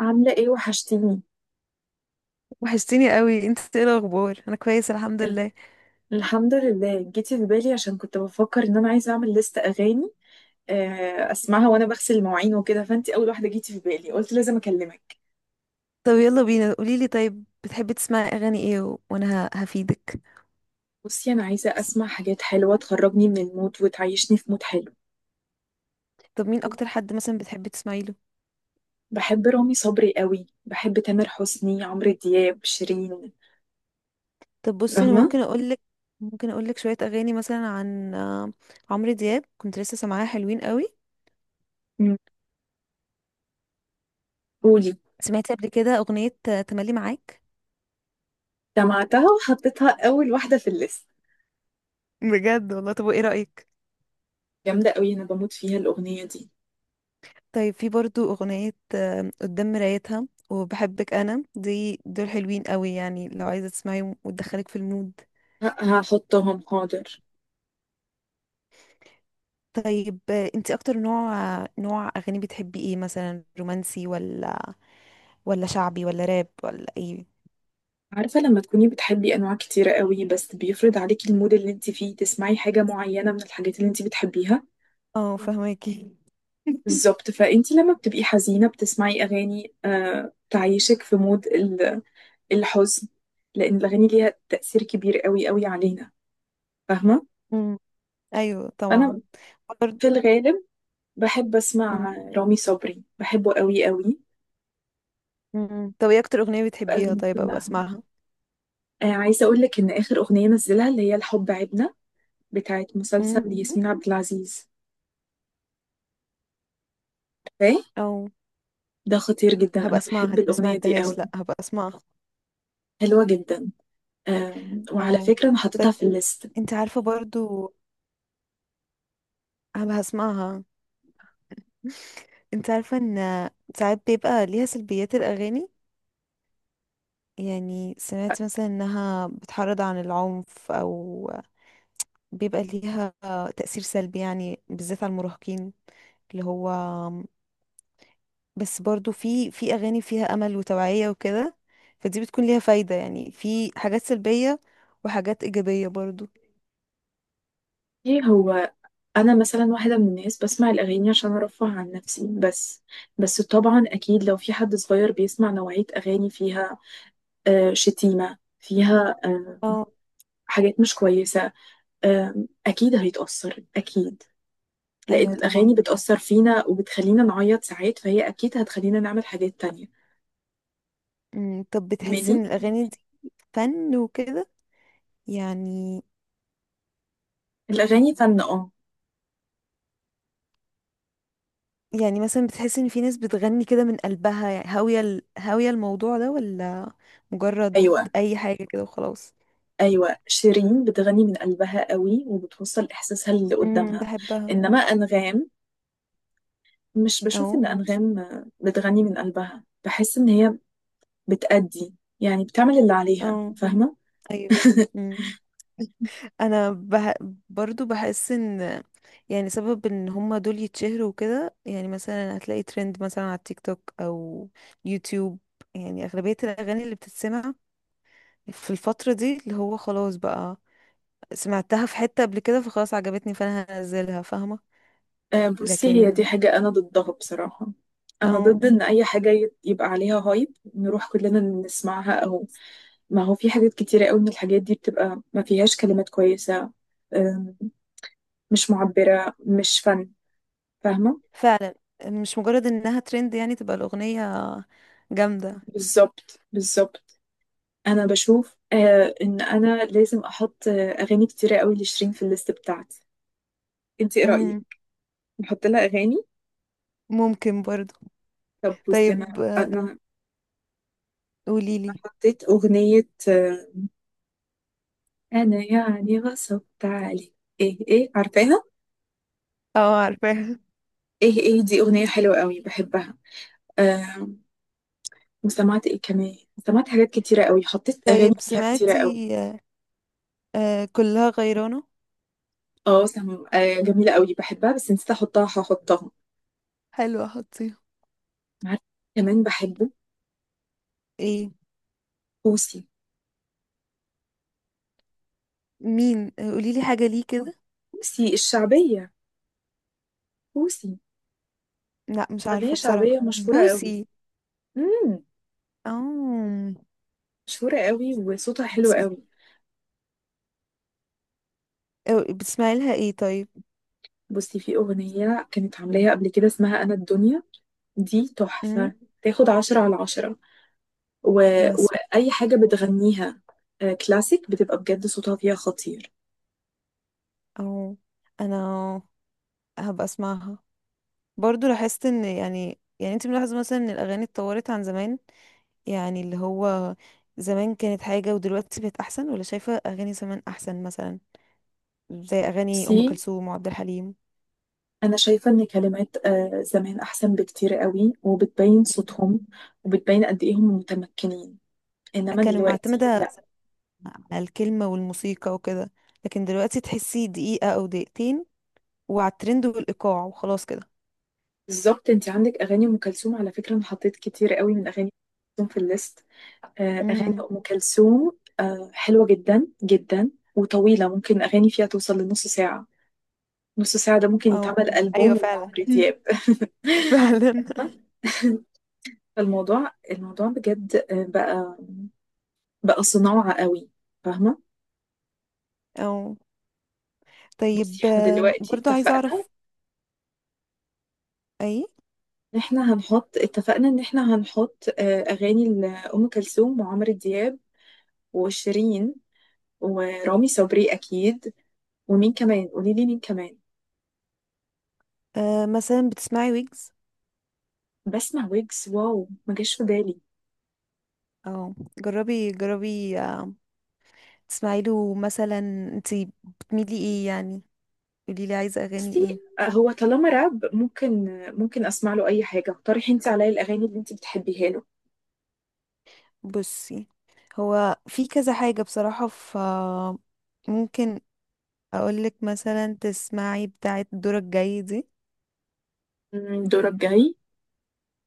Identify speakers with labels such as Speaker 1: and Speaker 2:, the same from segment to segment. Speaker 1: عاملة ايه وحشتيني.
Speaker 2: وحشتيني قوي، انت ايه الاخبار؟ انا كويس الحمد
Speaker 1: ال-
Speaker 2: لله.
Speaker 1: الحمد لله، جيتي في بالي عشان كنت بفكر ان انا عايزة اعمل لست اغاني. اسمعها وانا بغسل المواعين وكده، فانتي اول واحدة جيتي في بالي، قلت لازم اكلمك.
Speaker 2: طب يلا بينا، قوليلي طيب، بتحبي تسمعي اغاني ايه وانا هفيدك.
Speaker 1: بصي، انا عايزة اسمع حاجات حلوة تخرجني من المود وتعيشني في مود حلو.
Speaker 2: طب مين اكتر حد مثلا بتحبي تسمعي له؟
Speaker 1: بحب رامي صبري قوي، بحب تامر حسني، عمرو دياب، شيرين.
Speaker 2: طب بصي انا
Speaker 1: فاهمة.
Speaker 2: ممكن اقولك. ممكن اقولك شويه اغاني مثلا عن عمرو دياب، كنت لسه سامعاها، حلوين قوي.
Speaker 1: مم. قولي.
Speaker 2: سمعتي قبل كده اغنيه تملي معاك؟
Speaker 1: سمعتها وحطيتها اول واحدة في الليست.
Speaker 2: بجد والله. طب وايه رايك؟
Speaker 1: جامدة قوي، انا بموت فيها الاغنية دي.
Speaker 2: طيب، في برضو اغنيه قدام مرايتها وبحبك انا، دي دول حلوين قوي، يعني لو عايزه تسمعيهم وتدخلك في المود.
Speaker 1: ه- هحطهم، حاضر.
Speaker 2: طيب، انت اكتر نوع اغاني بتحبي ايه؟ مثلا رومانسي ولا شعبي ولا راب ولا ايه؟
Speaker 1: عارفة لما تكوني بتحبي أنواع كتيرة قوي، بس بيفرض عليكي المود اللي انت فيه تسمعي حاجة معينة من الحاجات اللي انت بتحبيها.
Speaker 2: اه فهماكي.
Speaker 1: بالظبط، فانت لما بتبقي حزينة بتسمعي أغاني آه تعيشك في مود الحزن، لأن الأغاني ليها تأثير كبير قوي قوي علينا. فاهمة؟
Speaker 2: امم، ايوه طبعا.
Speaker 1: أنا
Speaker 2: برضه-
Speaker 1: في الغالب بحب
Speaker 2: مم.
Speaker 1: أسمع رامي صبري، بحبه قوي قوي
Speaker 2: مم. طب ايه اكتر اغنية بتحبيها؟
Speaker 1: بأغاني
Speaker 2: طيب ابقى
Speaker 1: كلها.
Speaker 2: اسمعها.
Speaker 1: آه، عايزة أقول لك إن آخر أغنية نزلها اللي هي الحب عبنا، بتاعت مسلسل
Speaker 2: امم.
Speaker 1: ياسمين عبد العزيز. فاهم؟
Speaker 2: او.
Speaker 1: ده خطير جدا،
Speaker 2: هبقى
Speaker 1: انا
Speaker 2: اسمعها،
Speaker 1: بحب
Speaker 2: دي ما
Speaker 1: الاغنيه دي
Speaker 2: سمعتهاش،
Speaker 1: قوي،
Speaker 2: لا هبقى اسمعها.
Speaker 1: حلوه جدا. وعلى
Speaker 2: او
Speaker 1: فكره انا
Speaker 2: طيب.
Speaker 1: حطيتها في الليست.
Speaker 2: انت عارفة برضو هبقى اسمعها. انت عارفة ان ساعات بيبقى ليها سلبيات، الاغاني؟ يعني سمعت مثلا انها بتحرض عن العنف، او بيبقى ليها تأثير سلبي، يعني بالذات على المراهقين. اللي هو بس برضو في اغاني فيها امل وتوعية وكده، فدي بتكون ليها فايدة. يعني في حاجات سلبية وحاجات ايجابية برضو.
Speaker 1: ايه هو، انا مثلا واحده من الناس بسمع الاغاني عشان ارفه عن نفسي بس. بس طبعا اكيد لو في حد صغير بيسمع نوعيه اغاني فيها شتيمه، فيها
Speaker 2: اه
Speaker 1: حاجات مش كويسه، اكيد هيتاثر اكيد،
Speaker 2: ايوه
Speaker 1: لان الاغاني
Speaker 2: طبعا.
Speaker 1: بتاثر فينا وبتخلينا نعيط ساعات، فهي اكيد هتخلينا نعمل حاجات تانية.
Speaker 2: طب بتحسي
Speaker 1: فاهماني؟
Speaker 2: ان الاغاني دي فن وكده؟ يعني
Speaker 1: الاغاني فن، اه
Speaker 2: يعني مثلا بتحس ان في ناس بتغني كده من قلبها، يعني هاوية الموضوع ده، ولا مجرد
Speaker 1: ايوه.
Speaker 2: اي حاجة كده وخلاص.
Speaker 1: أيوة، شيرين بتغني من قلبها قوي وبتوصل إحساسها للي
Speaker 2: امم،
Speaker 1: قدامها.
Speaker 2: بحبها.
Speaker 1: إنما أنغام، مش بشوف
Speaker 2: اه.
Speaker 1: إن أنغام بتغني من قلبها، بحس إن هي بتأدي، يعني بتعمل اللي عليها.
Speaker 2: اه
Speaker 1: فاهمة؟
Speaker 2: ايوه امم. انا برضو بحس ان، يعني سبب ان هما دول يتشهروا وكده، يعني مثلا هتلاقي ترند مثلا على التيك توك او يوتيوب. يعني اغلبية الاغاني اللي بتتسمع في الفترة دي، اللي هو خلاص بقى سمعتها في حتة قبل كده، فخلاص عجبتني، فانا هنزلها. فاهمة؟
Speaker 1: بصي،
Speaker 2: لكن
Speaker 1: هي دي حاجة أنا ضدها بصراحة. أنا
Speaker 2: اه
Speaker 1: ضد إن أي حاجة يبقى عليها هايب نروح كلنا نسمعها، أو ما هو في حاجات كتيرة قوي من الحاجات دي بتبقى ما فيهاش كلمات كويسة، آم، مش معبرة، مش فن. فاهمة؟
Speaker 2: فعلا، مش مجرد انها ترند يعني تبقى الاغنية جامدة.
Speaker 1: بالظبط بالظبط. انا بشوف آه ان انا لازم احط آه اغاني كتيره قوي لشيرين في الليست بتاعتي. انت ايه رايك؟
Speaker 2: مم.
Speaker 1: نحط لها اغاني؟
Speaker 2: ممكن برضو.
Speaker 1: طب بصي، انا
Speaker 2: طيب
Speaker 1: انا
Speaker 2: قوليلي.
Speaker 1: حطيت اغنيه آه انا يعني غصبت عليك، ايه ايه، عارفاها؟
Speaker 2: اه عارفاها.
Speaker 1: ايه ايه دي اغنيه حلوه قوي بحبها. آه، وسمعت ايه كمان؟ سمعت حاجات كتيره قوي، حطيت اغاني
Speaker 2: طيب
Speaker 1: فيها كتيره قوي.
Speaker 2: سمعتي كلها غيرانة؟
Speaker 1: آه، جميله قوي بحبها بس نسيت احطها، هحطها.
Speaker 2: حلوة، حطيها.
Speaker 1: عارفه، كمان بحبه،
Speaker 2: ايه؟
Speaker 1: بوسي.
Speaker 2: مين؟ قوليلي حاجة، ليه كده؟
Speaker 1: بوسي الشعبيه، بوسي.
Speaker 2: لا مش
Speaker 1: أغنية
Speaker 2: عارفة
Speaker 1: شعبية
Speaker 2: بصراحة
Speaker 1: مشهورة قوي.
Speaker 2: بوسي.
Speaker 1: امم،
Speaker 2: اه.
Speaker 1: مشهورة قوي وصوتها حلو
Speaker 2: بتسم...
Speaker 1: قوي.
Speaker 2: بتسمعي لها ايه طيب؟
Speaker 1: بصي، في أغنية كانت عاملاها قبل كده اسمها أنا الدنيا، دي
Speaker 2: مم.
Speaker 1: تحفة، تاخد عشرة على عشرة. و...
Speaker 2: ما
Speaker 1: وأي حاجة
Speaker 2: سمعتش برضو.
Speaker 1: بتغنيها كلاسيك، بتبقى بجد صوتها فيها خطير.
Speaker 2: اه انا هبقى اسمعها. برضو لاحظت ان، يعني انت ملاحظة مثلا ان الاغاني اتطورت عن زمان؟ يعني اللي هو زمان كانت حاجة ودلوقتي بقت احسن، ولا شايفة اغاني زمان احسن مثلا، زي اغاني
Speaker 1: بصي،
Speaker 2: ام كلثوم وعبد الحليم؟
Speaker 1: أنا شايفة إن كلمات زمان أحسن بكتير قوي، وبتبين صوتهم وبتبين قد إيه هم متمكنين. إنما
Speaker 2: كانوا
Speaker 1: دلوقتي
Speaker 2: معتمدة
Speaker 1: لأ.
Speaker 2: على الكلمة والموسيقى وكده، لكن دلوقتي تحسي دقيقة او دقيقتين، وعلى الترند والايقاع وخلاص كده.
Speaker 1: بالظبط. أنت عندك أغاني أم كلثوم؟ على فكرة، أنا حطيت كتير قوي من أغاني أم كلثوم في الليست. أغاني
Speaker 2: امم.
Speaker 1: أم كلثوم حلوة جدا جدا، وطويلة، ممكن أغاني فيها توصل لنص ساعة. نص ساعة ده ممكن
Speaker 2: او.
Speaker 1: يتعمل ألبوم
Speaker 2: ايوه فعلا.
Speaker 1: لعمرو
Speaker 2: مم.
Speaker 1: دياب.
Speaker 2: فعلا.
Speaker 1: الموضوع بجد بقى صناعة قوي. فاهمة.
Speaker 2: او. طيب
Speaker 1: بصي، احنا دلوقتي
Speaker 2: برضو عايزة
Speaker 1: اتفقنا
Speaker 2: اعرف. اي،
Speaker 1: ان احنا هنحط، اتفقنا ان احنا هنحط اغاني لأم كلثوم وعمرو دياب وشيرين ورامي صبري اكيد. ومين كمان؟ قولي لي مين كمان.
Speaker 2: مثلا بتسمعي ويجز؟
Speaker 1: بسمع ويجز، واو ما جاش في بالي.
Speaker 2: اه جربي جربي، تسمعي له مثلا. انتي بتميلي ايه يعني؟ قولي لي عايزه اغاني
Speaker 1: بصي،
Speaker 2: ايه.
Speaker 1: هو طالما راب ممكن، ممكن اسمع له اي حاجه. اقترحي انت عليا الاغاني اللي انت بتحبيها له.
Speaker 2: بصي هو في كذا حاجه بصراحه، ف ممكن اقولك مثلا تسمعي بتاعه دورك جاي دي.
Speaker 1: أمم، دورك جاي.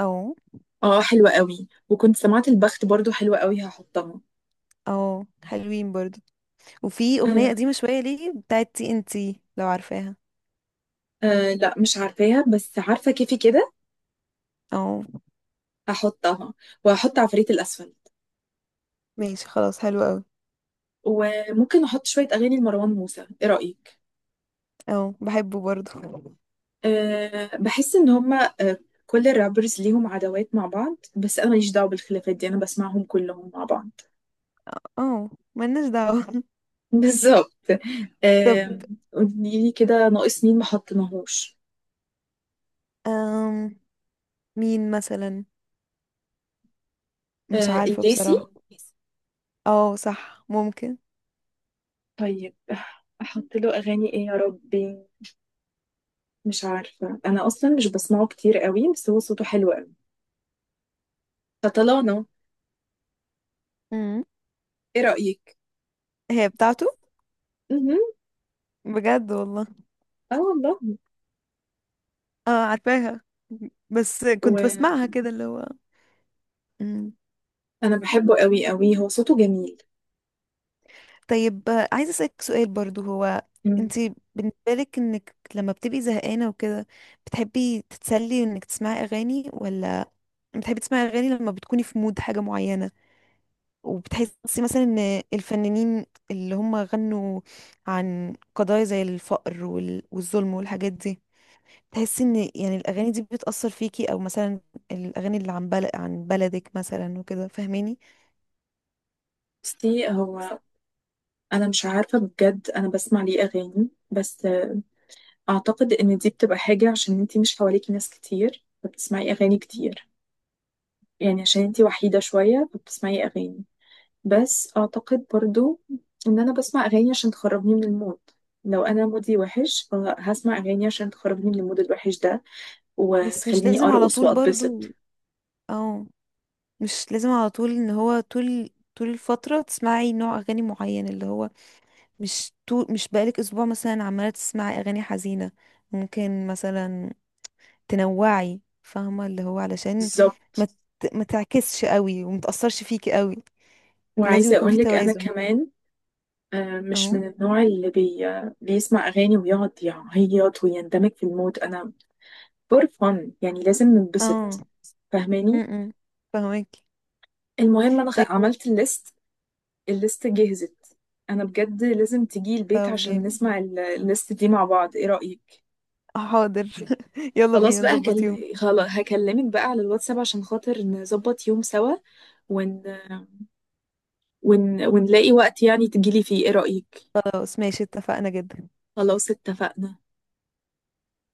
Speaker 2: او.
Speaker 1: اه، حلوه قوي. وكنت سمعت البخت برضو حلوه قوي، هحطها.
Speaker 2: او حلوين برضو. وفي اغنيه
Speaker 1: آه،
Speaker 2: قديمه شويه ليه بتاعه تي ان تي، لو عارفاها.
Speaker 1: آه لا مش عارفاها بس عارفه كيفي كده،
Speaker 2: او
Speaker 1: هحطها. وهحط عفريت الاسفل.
Speaker 2: ماشي خلاص حلو قوي.
Speaker 1: وممكن احط شويه اغاني لمروان موسى، ايه رايك؟
Speaker 2: او بحبه برضو.
Speaker 1: آه، بحس ان هما آه كل الرابرز ليهم عداوات مع بعض، بس انا ماليش دعوه بالخلافات دي، انا بسمعهم كلهم مع بعض.
Speaker 2: او ملناش دعوه.
Speaker 1: بالظبط.
Speaker 2: طب
Speaker 1: آم، قولي لي كده، ناقص مين ما حطيناهوش؟
Speaker 2: أم مين مثلا؟ مش عارفة
Speaker 1: الليسي.
Speaker 2: بصراحة. اه صح ممكن.
Speaker 1: طيب، احط له اغاني ايه يا ربي؟ مش عارفه، انا اصلا مش بسمعه كتير قوي، بس هو صوته حلو قوي. فطلانه،
Speaker 2: امم.
Speaker 1: ايه رايك؟
Speaker 2: هي بتاعته؟
Speaker 1: امم.
Speaker 2: بجد والله.
Speaker 1: اه والله.
Speaker 2: اه عارفاها بس كنت
Speaker 1: وانا
Speaker 2: بسمعها كده، اللي هو. مم.
Speaker 1: بحبه قوي قوي، هو صوته جميل.
Speaker 2: طيب عايزة أسألك سؤال برضو. هو
Speaker 1: مم.
Speaker 2: انتي بالنسبة لك، انك لما بتبقي زهقانة وكده، بتحبي تتسلي انك تسمعي اغاني، ولا بتحبي تسمعي اغاني لما بتكوني في مود حاجة معينة؟ وبتحسي مثلا ان الفنانين اللي هم غنوا عن قضايا زي الفقر والظلم والحاجات دي، تحسي ان يعني الاغاني دي بتأثر فيكي؟ او مثلا الاغاني اللي عن بلد، عن بلدك مثلا وكده، فاهماني؟
Speaker 1: بصي هو، انا مش عارفه بجد، انا بسمع ليه اغاني بس اعتقد ان دي بتبقى حاجه عشان انتي مش حواليكي ناس كتير فبتسمعي اغاني كتير، يعني عشان انتي وحيدة شوية فبتسمعي أغاني. بس أعتقد برضو إن أنا بسمع أغاني عشان تخرجني من المود، لو أنا مودي وحش فهسمع أغاني عشان تخرجني من المود الوحش ده
Speaker 2: بس مش
Speaker 1: وتخليني
Speaker 2: لازم على
Speaker 1: أرقص
Speaker 2: طول
Speaker 1: وأتبسط.
Speaker 2: برضو. او مش لازم على طول، ان هو طول طول الفترة تسمعي نوع اغاني معين، اللي هو مش طول، مش بقالك اسبوع مثلا عمالة تسمعي اغاني حزينة، ممكن مثلا تنوعي فاهمة؟ اللي هو علشان ما
Speaker 1: بالظبط.
Speaker 2: ما تعكسش قوي وما تأثرش فيكي قوي. لازم
Speaker 1: وعايزة
Speaker 2: يكون في
Speaker 1: أقولك أنا
Speaker 2: توازن.
Speaker 1: كمان مش
Speaker 2: اهو.
Speaker 1: من النوع بيسمع أغاني ويقعد يعيط ويندمج في المود. أنا فور فن، يعني لازم
Speaker 2: اه
Speaker 1: ننبسط.
Speaker 2: م-
Speaker 1: فاهماني.
Speaker 2: م. فاهمك.
Speaker 1: المهم، أنا عملت الليست، الليست جهزت. انا بجد لازم تجي البيت
Speaker 2: طب
Speaker 1: عشان
Speaker 2: جامد،
Speaker 1: نسمع الليست دي مع بعض، ايه رأيك؟
Speaker 2: حاضر. يلا بينا نظبط يوم.
Speaker 1: خلاص هكلمك بقى على الواتساب عشان خاطر نظبط يوم سوا، ون... ونلاقي وقت يعني تجيلي فيه، ايه رأيك؟
Speaker 2: خلاص ماشي، اتفقنا جدا.
Speaker 1: خلاص اتفقنا.